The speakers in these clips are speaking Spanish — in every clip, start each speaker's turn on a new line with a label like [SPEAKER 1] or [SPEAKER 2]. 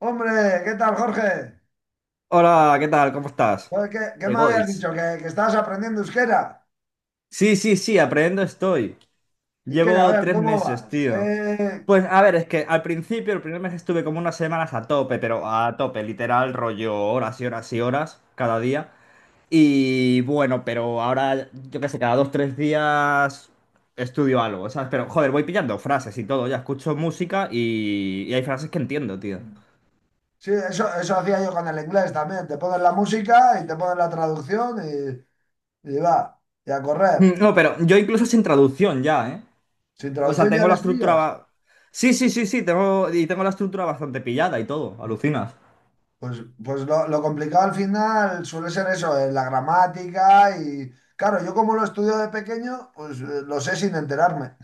[SPEAKER 1] Hombre, ¿qué tal, Jorge?
[SPEAKER 2] Hola, ¿qué tal? ¿Cómo estás?
[SPEAKER 1] Joder, ¿Qué me habías
[SPEAKER 2] Egoitz.
[SPEAKER 1] dicho? ¿Que estabas aprendiendo euskera?
[SPEAKER 2] Sí, sí, sí, aprendiendo estoy.
[SPEAKER 1] ¿Y qué? A
[SPEAKER 2] Llevo
[SPEAKER 1] ver,
[SPEAKER 2] tres
[SPEAKER 1] ¿cómo
[SPEAKER 2] meses,
[SPEAKER 1] vas?
[SPEAKER 2] tío. Pues a ver, es que al principio, el primer mes estuve como unas semanas a tope, pero a tope, literal, rollo horas y horas y horas cada día. Y bueno, pero ahora, yo qué sé, cada dos, tres días estudio algo, ¿sabes? Pero joder, voy pillando frases y todo, ya escucho música y hay frases que entiendo, tío.
[SPEAKER 1] Sí, eso hacía yo con el inglés también. Te pones la música y te pones la traducción y va, y a correr.
[SPEAKER 2] Mm, no, pero yo incluso sin traducción ya, ¿eh?
[SPEAKER 1] Sin
[SPEAKER 2] O sea,
[SPEAKER 1] traducción ya
[SPEAKER 2] tengo la
[SPEAKER 1] les
[SPEAKER 2] estructura,
[SPEAKER 1] pillas.
[SPEAKER 2] sí, sí, sí, sí, tengo, y tengo la estructura bastante pillada y todo, alucinas.
[SPEAKER 1] Pues, pues lo complicado al final suele ser eso, la gramática y... Claro, yo como lo estudio de pequeño, pues lo sé sin enterarme.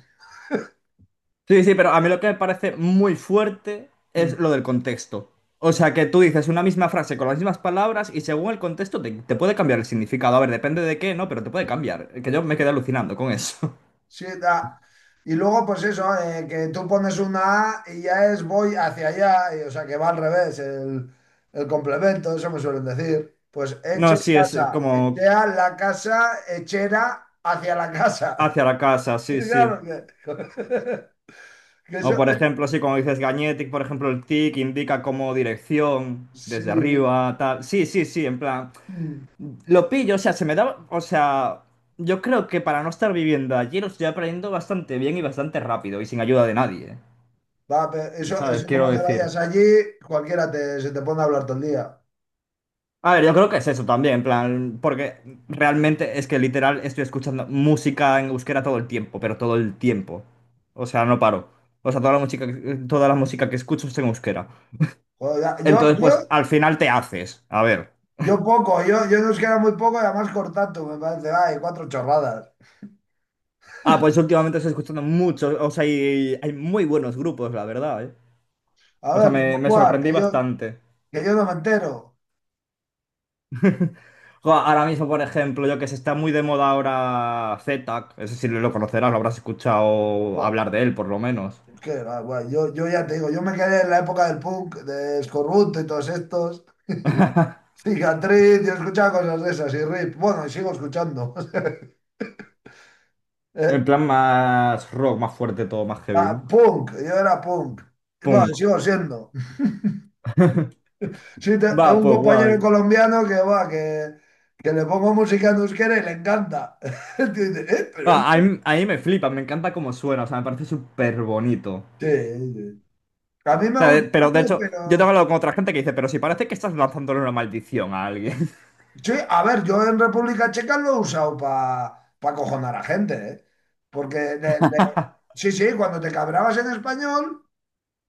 [SPEAKER 2] Sí, sí, pero a mí lo que me parece muy fuerte
[SPEAKER 1] Mm.
[SPEAKER 2] es lo del contexto. O sea, que tú dices una misma frase con las mismas palabras y según el contexto te puede cambiar el significado. A ver, depende de qué, ¿no? Pero te puede cambiar. Que yo me quedé alucinando con eso.
[SPEAKER 1] Sí, da. Y luego, pues eso, que tú pones una A y ya es voy hacia allá, y o sea que va al revés, el complemento, eso me suelen decir. Pues
[SPEAKER 2] No,
[SPEAKER 1] eche
[SPEAKER 2] sí, es
[SPEAKER 1] casa,
[SPEAKER 2] como
[SPEAKER 1] echea la casa, echera hacia la casa.
[SPEAKER 2] hacia la casa, sí, sí.
[SPEAKER 1] Claro que, que
[SPEAKER 2] O
[SPEAKER 1] eso,
[SPEAKER 2] por ejemplo, sí, como dices Gañetic, por ejemplo, el tic indica como dirección desde
[SPEAKER 1] sí.
[SPEAKER 2] arriba, tal. Sí, sí, sí, en plan.
[SPEAKER 1] Mm.
[SPEAKER 2] Lo pillo, o sea, se me da, o sea, yo creo que para no estar viviendo allí lo estoy aprendiendo bastante bien y bastante rápido y sin ayuda de nadie,
[SPEAKER 1] Va, pero eso,
[SPEAKER 2] ¿sabes?
[SPEAKER 1] eso como
[SPEAKER 2] Quiero
[SPEAKER 1] te vayas
[SPEAKER 2] decir.
[SPEAKER 1] allí, cualquiera se te pone a hablar todo el día.
[SPEAKER 2] A ver, yo creo que es eso también, en plan, porque realmente es que literal estoy escuchando música en euskera todo el tiempo, pero todo el tiempo. O sea, no paro. O sea, toda la música, toda la música que escucho es en euskera.
[SPEAKER 1] Joder, yo,
[SPEAKER 2] Entonces,
[SPEAKER 1] yo,
[SPEAKER 2] pues al final te haces. A ver.
[SPEAKER 1] yo poco, yo nos queda muy poco y además cortato, me parece, ay, cuatro chorradas.
[SPEAKER 2] Ah, pues últimamente estoy escuchando mucho, o sea, hay muy buenos grupos, la verdad, ¿eh?
[SPEAKER 1] A
[SPEAKER 2] O sea,
[SPEAKER 1] ver,
[SPEAKER 2] me,
[SPEAKER 1] como
[SPEAKER 2] me
[SPEAKER 1] cuál,
[SPEAKER 2] sorprendí
[SPEAKER 1] que yo,
[SPEAKER 2] bastante.
[SPEAKER 1] que yo no me entero.
[SPEAKER 2] Jo, ahora mismo, por ejemplo, yo que sé, está muy de moda ahora ZTAC, ese sí lo conocerás, lo habrás escuchado
[SPEAKER 1] Buah,
[SPEAKER 2] hablar de él, por lo menos.
[SPEAKER 1] es que, guay, yo ya te digo, yo me quedé en la época del punk, de Escorbuto y todos estos. Cicatriz, yo escuchaba cosas de esas y Rip. Bueno, y sigo escuchando.
[SPEAKER 2] En
[SPEAKER 1] Eh,
[SPEAKER 2] plan más rock, más fuerte todo, más heavy, ¿no?
[SPEAKER 1] Punk, yo era punk. Y bueno, y
[SPEAKER 2] Punk.
[SPEAKER 1] sigo siendo. Sí,
[SPEAKER 2] Va,
[SPEAKER 1] tengo un
[SPEAKER 2] pues
[SPEAKER 1] compañero
[SPEAKER 2] guay.
[SPEAKER 1] colombiano que va, que le pongo música en euskera y le encanta. Y dice,
[SPEAKER 2] Va,
[SPEAKER 1] pero
[SPEAKER 2] a
[SPEAKER 1] esto...
[SPEAKER 2] mí, a mí me flipa, me encanta cómo suena, o sea, me parece súper bonito. O
[SPEAKER 1] Sí, sí. A mí me
[SPEAKER 2] sea,
[SPEAKER 1] gusta,
[SPEAKER 2] pero de hecho, yo
[SPEAKER 1] pero
[SPEAKER 2] tengo hablado con otra gente que dice, pero si parece que estás lanzándole una maldición a alguien.
[SPEAKER 1] sí. A ver, yo en República Checa lo he usado para acojonar a gente, ¿eh? Porque, sí, sí, cuando te cabrabas en español,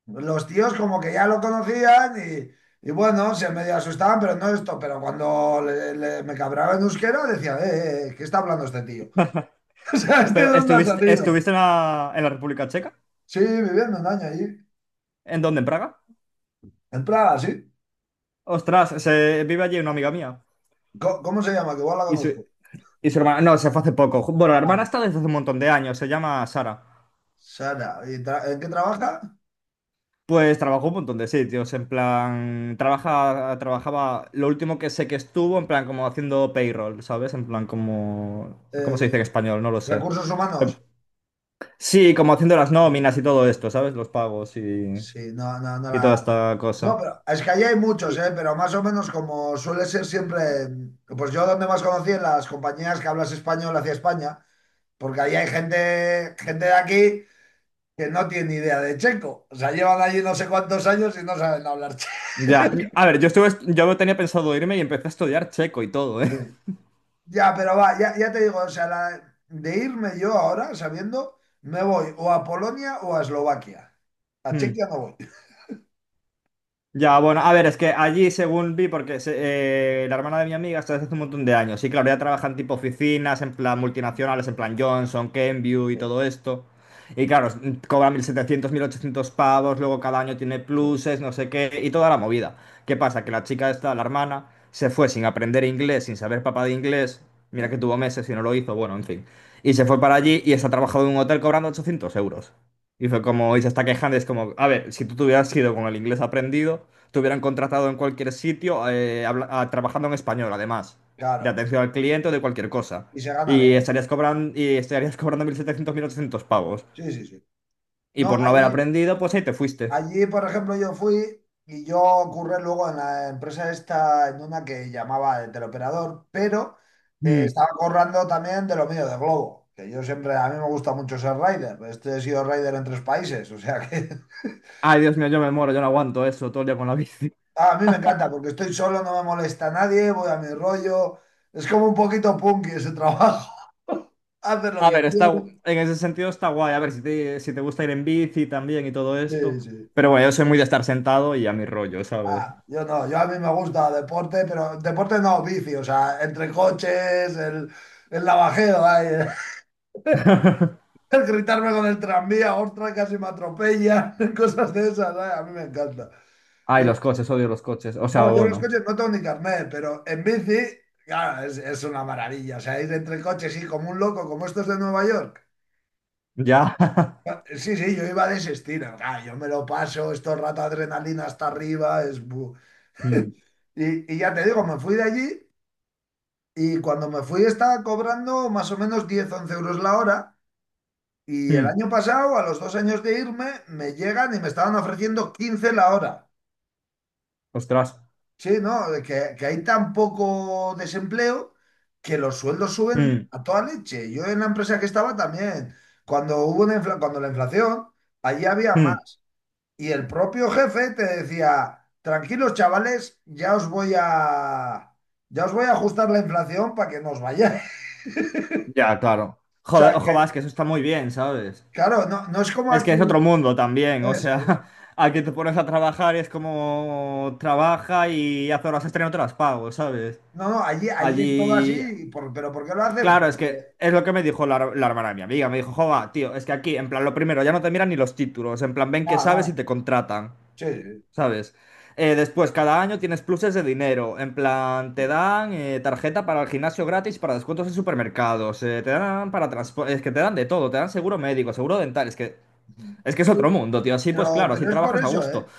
[SPEAKER 1] los tíos como que ya lo conocían y bueno, se medio asustaban, pero no esto. Pero cuando me cabraba en euskera, decía, ¿qué está hablando este tío? O sea, ¿este de
[SPEAKER 2] Pero,
[SPEAKER 1] dónde ha
[SPEAKER 2] ¿estuviste,
[SPEAKER 1] salido?
[SPEAKER 2] estuviste en la República Checa?
[SPEAKER 1] Sí, viviendo un año allí,
[SPEAKER 2] ¿En dónde? ¿En Praga?
[SPEAKER 1] en Praga, sí.
[SPEAKER 2] Ostras, se vive allí una amiga mía.
[SPEAKER 1] ¿Cómo se llama? Que igual la
[SPEAKER 2] Y su,
[SPEAKER 1] conozco.
[SPEAKER 2] Y su hermana, no, se fue hace poco. Bueno, la hermana
[SPEAKER 1] Ah,
[SPEAKER 2] está desde hace un montón de años, se llama Sara.
[SPEAKER 1] Sara, ¿y en qué trabaja?
[SPEAKER 2] Pues trabajó un montón de sitios, en plan, trabaja, trabajaba, lo último que sé que estuvo, en plan, como haciendo payroll, ¿sabes? En plan, como, ¿cómo se
[SPEAKER 1] Eh,
[SPEAKER 2] dice en español? No lo sé.
[SPEAKER 1] Recursos
[SPEAKER 2] Em,
[SPEAKER 1] humanos.
[SPEAKER 2] Sí, como haciendo las nóminas y todo esto, ¿sabes? Los pagos y,
[SPEAKER 1] Sí, no, no, no
[SPEAKER 2] y toda
[SPEAKER 1] la...
[SPEAKER 2] esta
[SPEAKER 1] No,
[SPEAKER 2] cosa.
[SPEAKER 1] pero es que allí hay muchos,
[SPEAKER 2] Y-
[SPEAKER 1] ¿eh? Pero más o menos como suele ser siempre... Pues yo donde más conocí en las compañías que hablas español hacia España, porque ahí hay gente de aquí que no tiene ni idea de checo. O sea, llevan allí no sé cuántos años y no saben hablar checo.
[SPEAKER 2] Ya, a ver, yo tenía pensado irme y empecé a estudiar checo y todo, ¿eh?
[SPEAKER 1] Sí. Ya, pero va, ya te digo, o sea, de irme yo ahora, sabiendo, me voy o a Polonia o a Eslovaquia. A Chequia no voy.
[SPEAKER 2] Ya, bueno, a ver, es que allí, según vi, porque la hermana de mi amiga está desde hace un montón de años. Y claro, ya trabajan tipo oficinas, en plan multinacionales, en plan Johnson, Kenview y
[SPEAKER 1] Sí,
[SPEAKER 2] todo esto. Y claro, cobra 1.700, 1.800 pavos, luego cada año tiene
[SPEAKER 1] sí,
[SPEAKER 2] pluses, no sé qué, y toda la movida. ¿Qué pasa? Que la chica esta, la hermana, se fue sin aprender inglés, sin saber papá de inglés. Mira
[SPEAKER 1] sí,
[SPEAKER 2] que tuvo meses y no lo hizo, bueno, en fin. Y se fue para allí y está trabajando en un hotel cobrando 800 euros. Y fue como, y se está quejando, y es como, a ver, si tú te hubieras ido con el inglés aprendido, te hubieran contratado en cualquier sitio, trabajando en español, además, de
[SPEAKER 1] claro.
[SPEAKER 2] atención al cliente o de cualquier cosa.
[SPEAKER 1] Y se gana
[SPEAKER 2] Y
[SPEAKER 1] bien.
[SPEAKER 2] estarías cobrando, y estarías cobrando 1.700 1.800 pavos.
[SPEAKER 1] Sí, sí, sí.
[SPEAKER 2] Y
[SPEAKER 1] No,
[SPEAKER 2] por no haber
[SPEAKER 1] allí,
[SPEAKER 2] aprendido, pues ahí te fuiste.
[SPEAKER 1] Allí, por ejemplo, yo fui y yo ocurre luego en la empresa esta, en una que llamaba de teleoperador, pero
[SPEAKER 2] Mm.
[SPEAKER 1] estaba currando también de lo mío, de Globo, que yo siempre, a mí me gusta mucho ser rider, he sido rider en tres países, o sea que
[SPEAKER 2] Ay, Dios mío, yo me muero, yo no aguanto eso todo el día con la bici.
[SPEAKER 1] a mí me encanta porque estoy solo, no me molesta nadie, voy a mi rollo, es como un poquito punky ese trabajo, haces lo
[SPEAKER 2] A
[SPEAKER 1] que
[SPEAKER 2] ver, está,
[SPEAKER 1] quieres.
[SPEAKER 2] en ese sentido está guay. A ver, si te gusta ir en bici también y todo
[SPEAKER 1] Sí,
[SPEAKER 2] esto.
[SPEAKER 1] sí.
[SPEAKER 2] Pero bueno, yo soy muy de estar sentado y a mi rollo, ¿sabes?
[SPEAKER 1] Ah, yo no, yo a mí me gusta deporte, pero deporte no, vicio, o sea, entre coches, el navajeo, ay, el gritarme con el tranvía, ostras, casi me atropella, cosas de esas, ay, a mí me encanta.
[SPEAKER 2] Ay,
[SPEAKER 1] Y
[SPEAKER 2] los coches, odio los coches. O sea,
[SPEAKER 1] bueno, yo los
[SPEAKER 2] bueno,
[SPEAKER 1] coches no tengo ni carnet, pero en bici, claro, es una maravilla, o sea, ir entre coches, sí, como un loco, como estos de Nueva York.
[SPEAKER 2] ya.
[SPEAKER 1] Ah, sí, sí, yo iba de ese estilo. Ah, yo me lo paso, esto rata adrenalina hasta arriba. Es...
[SPEAKER 2] Mm,
[SPEAKER 1] Y ya te digo, me fui de allí y cuando me fui estaba cobrando más o menos 10 u 11 € la hora. Y el
[SPEAKER 2] mm.
[SPEAKER 1] año pasado, a los 2 años de irme, me llegan y me estaban ofreciendo 15 la hora.
[SPEAKER 2] Ostras.
[SPEAKER 1] Sí, ¿no? De Que hay tan poco desempleo que los sueldos suben
[SPEAKER 2] Mm.
[SPEAKER 1] a toda leche. Yo en la empresa que estaba también, cuando la inflación, allí había
[SPEAKER 2] Hmm.
[SPEAKER 1] más. Y el propio jefe te decía, tranquilos chavales, ya os voy a ajustar la inflación para que no os vayáis.
[SPEAKER 2] Ya, claro.
[SPEAKER 1] O
[SPEAKER 2] Joder,
[SPEAKER 1] sea,
[SPEAKER 2] ojo, vas,
[SPEAKER 1] que,
[SPEAKER 2] que eso está muy bien, ¿sabes?
[SPEAKER 1] claro, no, no es como
[SPEAKER 2] Es que es
[SPEAKER 1] aquí.
[SPEAKER 2] otro mundo también, o
[SPEAKER 1] Eso es.
[SPEAKER 2] sea, aquí te pones a trabajar y es como trabaja y hace horas extra y no te las pago, ¿sabes?
[SPEAKER 1] No, no, allí es todo así,
[SPEAKER 2] Allí,
[SPEAKER 1] pero ¿por qué lo hacen?
[SPEAKER 2] claro, es que
[SPEAKER 1] Porque,
[SPEAKER 2] es lo que me dijo la hermana de mi amiga, me dijo, joder, tío, es que aquí, en plan, lo primero, ya no te miran ni los títulos, en plan, ven que
[SPEAKER 1] nada,
[SPEAKER 2] sabes y
[SPEAKER 1] nada.
[SPEAKER 2] te contratan.
[SPEAKER 1] Sí,
[SPEAKER 2] ¿Sabes? Después, cada año tienes pluses de dinero. En plan, te
[SPEAKER 1] sí,
[SPEAKER 2] dan tarjeta para el gimnasio gratis, para descuentos en supermercados, te dan para transporte, es que te dan de todo, te dan seguro médico, seguro dental, es que
[SPEAKER 1] sí.
[SPEAKER 2] es que es
[SPEAKER 1] Sí,
[SPEAKER 2] otro mundo, tío. Así pues,
[SPEAKER 1] Pero,
[SPEAKER 2] claro, así
[SPEAKER 1] pero es por
[SPEAKER 2] trabajas a
[SPEAKER 1] eso,
[SPEAKER 2] gusto.
[SPEAKER 1] ¿eh?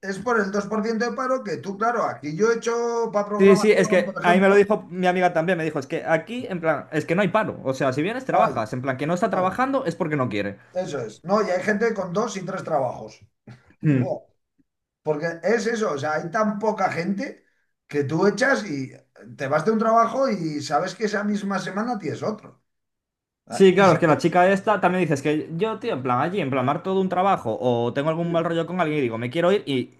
[SPEAKER 1] Es por el 2% de paro que tú, claro, aquí yo he hecho para
[SPEAKER 2] Sí, sí, es
[SPEAKER 1] programación,
[SPEAKER 2] que
[SPEAKER 1] por
[SPEAKER 2] ahí me lo
[SPEAKER 1] ejemplo,
[SPEAKER 2] dijo mi amiga también, me dijo, es que aquí, en plan, es que no hay paro. O sea, si vienes,
[SPEAKER 1] no hay,
[SPEAKER 2] trabajas. En plan, que no está
[SPEAKER 1] no hay.
[SPEAKER 2] trabajando es porque no quiere.
[SPEAKER 1] Eso es. No, y hay gente con dos y tres trabajos.
[SPEAKER 2] Mm.
[SPEAKER 1] Porque es eso, o sea, hay tan poca gente que tú echas y te vas de un trabajo y sabes que esa misma semana tienes otro. Ah,
[SPEAKER 2] Sí,
[SPEAKER 1] y
[SPEAKER 2] claro, es
[SPEAKER 1] si,
[SPEAKER 2] que la chica esta también dices que yo, tío, en plan allí, en plan mar todo un trabajo o tengo algún mal
[SPEAKER 1] sí,
[SPEAKER 2] rollo con alguien y digo, me quiero ir y,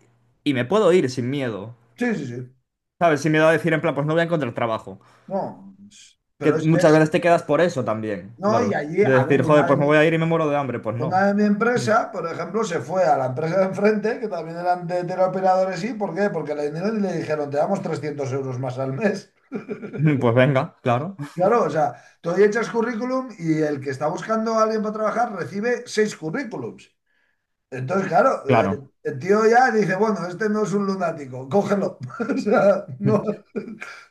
[SPEAKER 2] y me puedo ir sin miedo,
[SPEAKER 1] sí, sí.
[SPEAKER 2] ¿sabes? Sin miedo a decir en plan, pues no voy a encontrar trabajo.
[SPEAKER 1] No,
[SPEAKER 2] Que muchas veces te quedas por eso también,
[SPEAKER 1] no, y
[SPEAKER 2] claro.
[SPEAKER 1] allí,
[SPEAKER 2] De
[SPEAKER 1] a ver,
[SPEAKER 2] decir, joder,
[SPEAKER 1] una de
[SPEAKER 2] pues me voy
[SPEAKER 1] mi,
[SPEAKER 2] a ir y me muero de hambre, pues no.
[SPEAKER 1] una de mi
[SPEAKER 2] Mm.
[SPEAKER 1] empresa, por ejemplo, se fue a la empresa de enfrente, que también eran de teleoperadores, ¿y por qué? Porque le vinieron y le dijeron, te damos 300 € más al mes.
[SPEAKER 2] Pues venga, claro,
[SPEAKER 1] Claro, o sea, tú ahí echas currículum y el que está buscando a alguien para trabajar recibe seis currículums. Entonces, claro,
[SPEAKER 2] claro.
[SPEAKER 1] el tío ya dice, bueno, este no es un lunático, cógelo. O sea, no,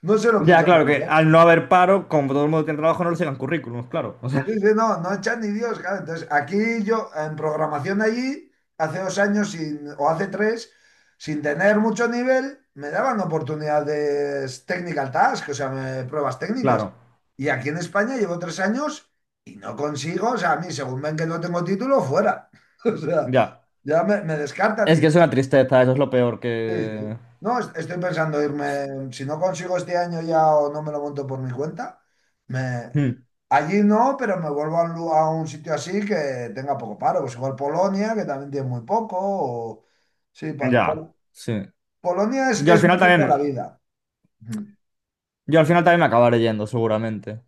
[SPEAKER 1] no se lo
[SPEAKER 2] Ya,
[SPEAKER 1] piensa
[SPEAKER 2] claro, que
[SPEAKER 1] demasiado.
[SPEAKER 2] al no haber paro, como todo el mundo tiene trabajo, no le sigan currículums, claro. O sea,
[SPEAKER 1] Sí, sí, no, no echan ni Dios, claro. Entonces, aquí yo, en programación allí, hace 2 años o hace tres, sin tener mucho nivel, me daban oportunidades technical task, o sea, pruebas técnicas.
[SPEAKER 2] claro,
[SPEAKER 1] Y aquí en España llevo 3 años y no consigo, o sea, a mí, según ven que no tengo título, fuera. O sea,
[SPEAKER 2] ya.
[SPEAKER 1] ya me descartan.
[SPEAKER 2] Es que es una tristeza, eso es lo peor
[SPEAKER 1] Sí,
[SPEAKER 2] que...
[SPEAKER 1] sí. No, estoy pensando irme, si no consigo este año ya o no me lo monto por mi cuenta, me...
[SPEAKER 2] Mm.
[SPEAKER 1] allí no, pero me vuelvo a un, a un sitio así que tenga poco paro, pues igual Polonia, que también tiene muy poco, o... Sí,
[SPEAKER 2] Ya, sí.
[SPEAKER 1] Polonia es,
[SPEAKER 2] Yo al
[SPEAKER 1] es
[SPEAKER 2] final
[SPEAKER 1] mejor para
[SPEAKER 2] también,
[SPEAKER 1] la vida. Ujú.
[SPEAKER 2] yo al final también me acabaré yendo, seguramente.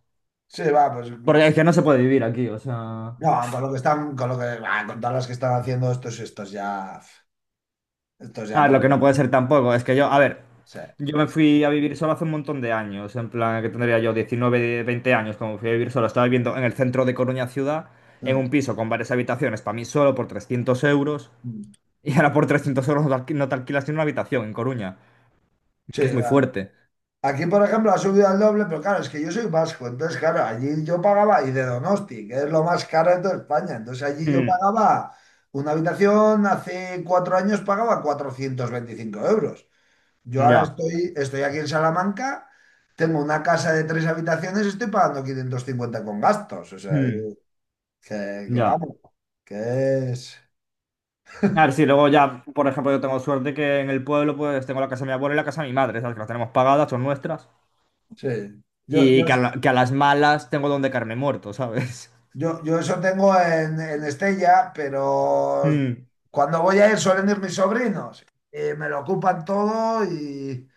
[SPEAKER 1] Sí, va, pues
[SPEAKER 2] Porque es que no se puede vivir aquí, o sea.
[SPEAKER 1] no, con lo que están, con lo que, va, con todas las que están haciendo estos ya,
[SPEAKER 2] Ah,
[SPEAKER 1] por...
[SPEAKER 2] lo que no puede ser tampoco, es que yo, a ver,
[SPEAKER 1] sí.
[SPEAKER 2] yo me fui a vivir solo hace un montón de años, en plan que tendría yo 19 20 años, como fui a vivir solo, estaba viviendo en el centro de Coruña ciudad, en un
[SPEAKER 1] Mm,
[SPEAKER 2] piso con varias habitaciones, para mí solo por 300 euros,
[SPEAKER 1] mm.
[SPEAKER 2] y ahora por 300 euros no te no te alquilas ni una habitación en Coruña,
[SPEAKER 1] Sí,
[SPEAKER 2] que es muy
[SPEAKER 1] va.
[SPEAKER 2] fuerte.
[SPEAKER 1] Aquí, por ejemplo, ha subido al doble, pero claro, es que yo soy vasco, entonces, claro, allí yo pagaba, y de Donosti, que es lo más caro de toda España, entonces allí yo
[SPEAKER 2] Mm,
[SPEAKER 1] pagaba una habitación, hace 4 años pagaba 425 euros. Yo ahora
[SPEAKER 2] ya,
[SPEAKER 1] estoy aquí en Salamanca, tengo una casa de tres habitaciones, estoy pagando 550 con gastos, o sea,
[SPEAKER 2] mm,
[SPEAKER 1] que,
[SPEAKER 2] ya.
[SPEAKER 1] vamos, que es...
[SPEAKER 2] A ver, sí, luego ya, por ejemplo, yo tengo suerte que en el pueblo pues tengo la casa de mi abuela y la casa de mi madre, ¿sabes? Que las tenemos pagadas, son nuestras.
[SPEAKER 1] Sí, yo, yo,
[SPEAKER 2] Que a las malas tengo donde caerme muerto, ¿sabes?
[SPEAKER 1] yo eso tengo en Estella, pero
[SPEAKER 2] Mm.
[SPEAKER 1] cuando voy a ir suelen ir mis sobrinos. Y me lo ocupan todo y...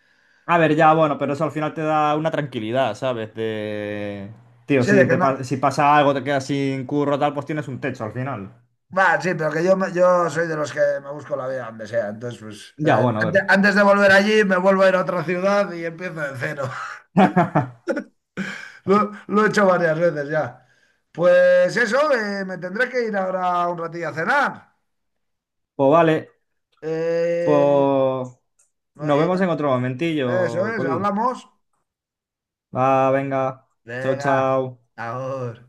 [SPEAKER 2] A ver, ya, bueno, pero eso al final te da una tranquilidad, ¿sabes? De... Tío,
[SPEAKER 1] Sí,
[SPEAKER 2] si,
[SPEAKER 1] de que
[SPEAKER 2] te
[SPEAKER 1] no...
[SPEAKER 2] si pasa algo, te quedas sin curro, tal, pues tienes un techo al final.
[SPEAKER 1] Va, sí, pero que yo, yo soy de los que me busco la vida donde sea. Entonces, pues,
[SPEAKER 2] Ya, bueno, a ver.
[SPEAKER 1] antes de volver allí, me vuelvo a ir a otra ciudad y empiezo de cero. Lo he hecho varias veces ya. Pues eso, me tendré que ir ahora un ratillo a cenar.
[SPEAKER 2] Pues vale,
[SPEAKER 1] Eh,
[SPEAKER 2] pues nos
[SPEAKER 1] eh,
[SPEAKER 2] vemos en otro
[SPEAKER 1] eso
[SPEAKER 2] momentillo,
[SPEAKER 1] es,
[SPEAKER 2] colegui.
[SPEAKER 1] hablamos.
[SPEAKER 2] Va, venga. Chao,
[SPEAKER 1] Venga,
[SPEAKER 2] chao.
[SPEAKER 1] ahora.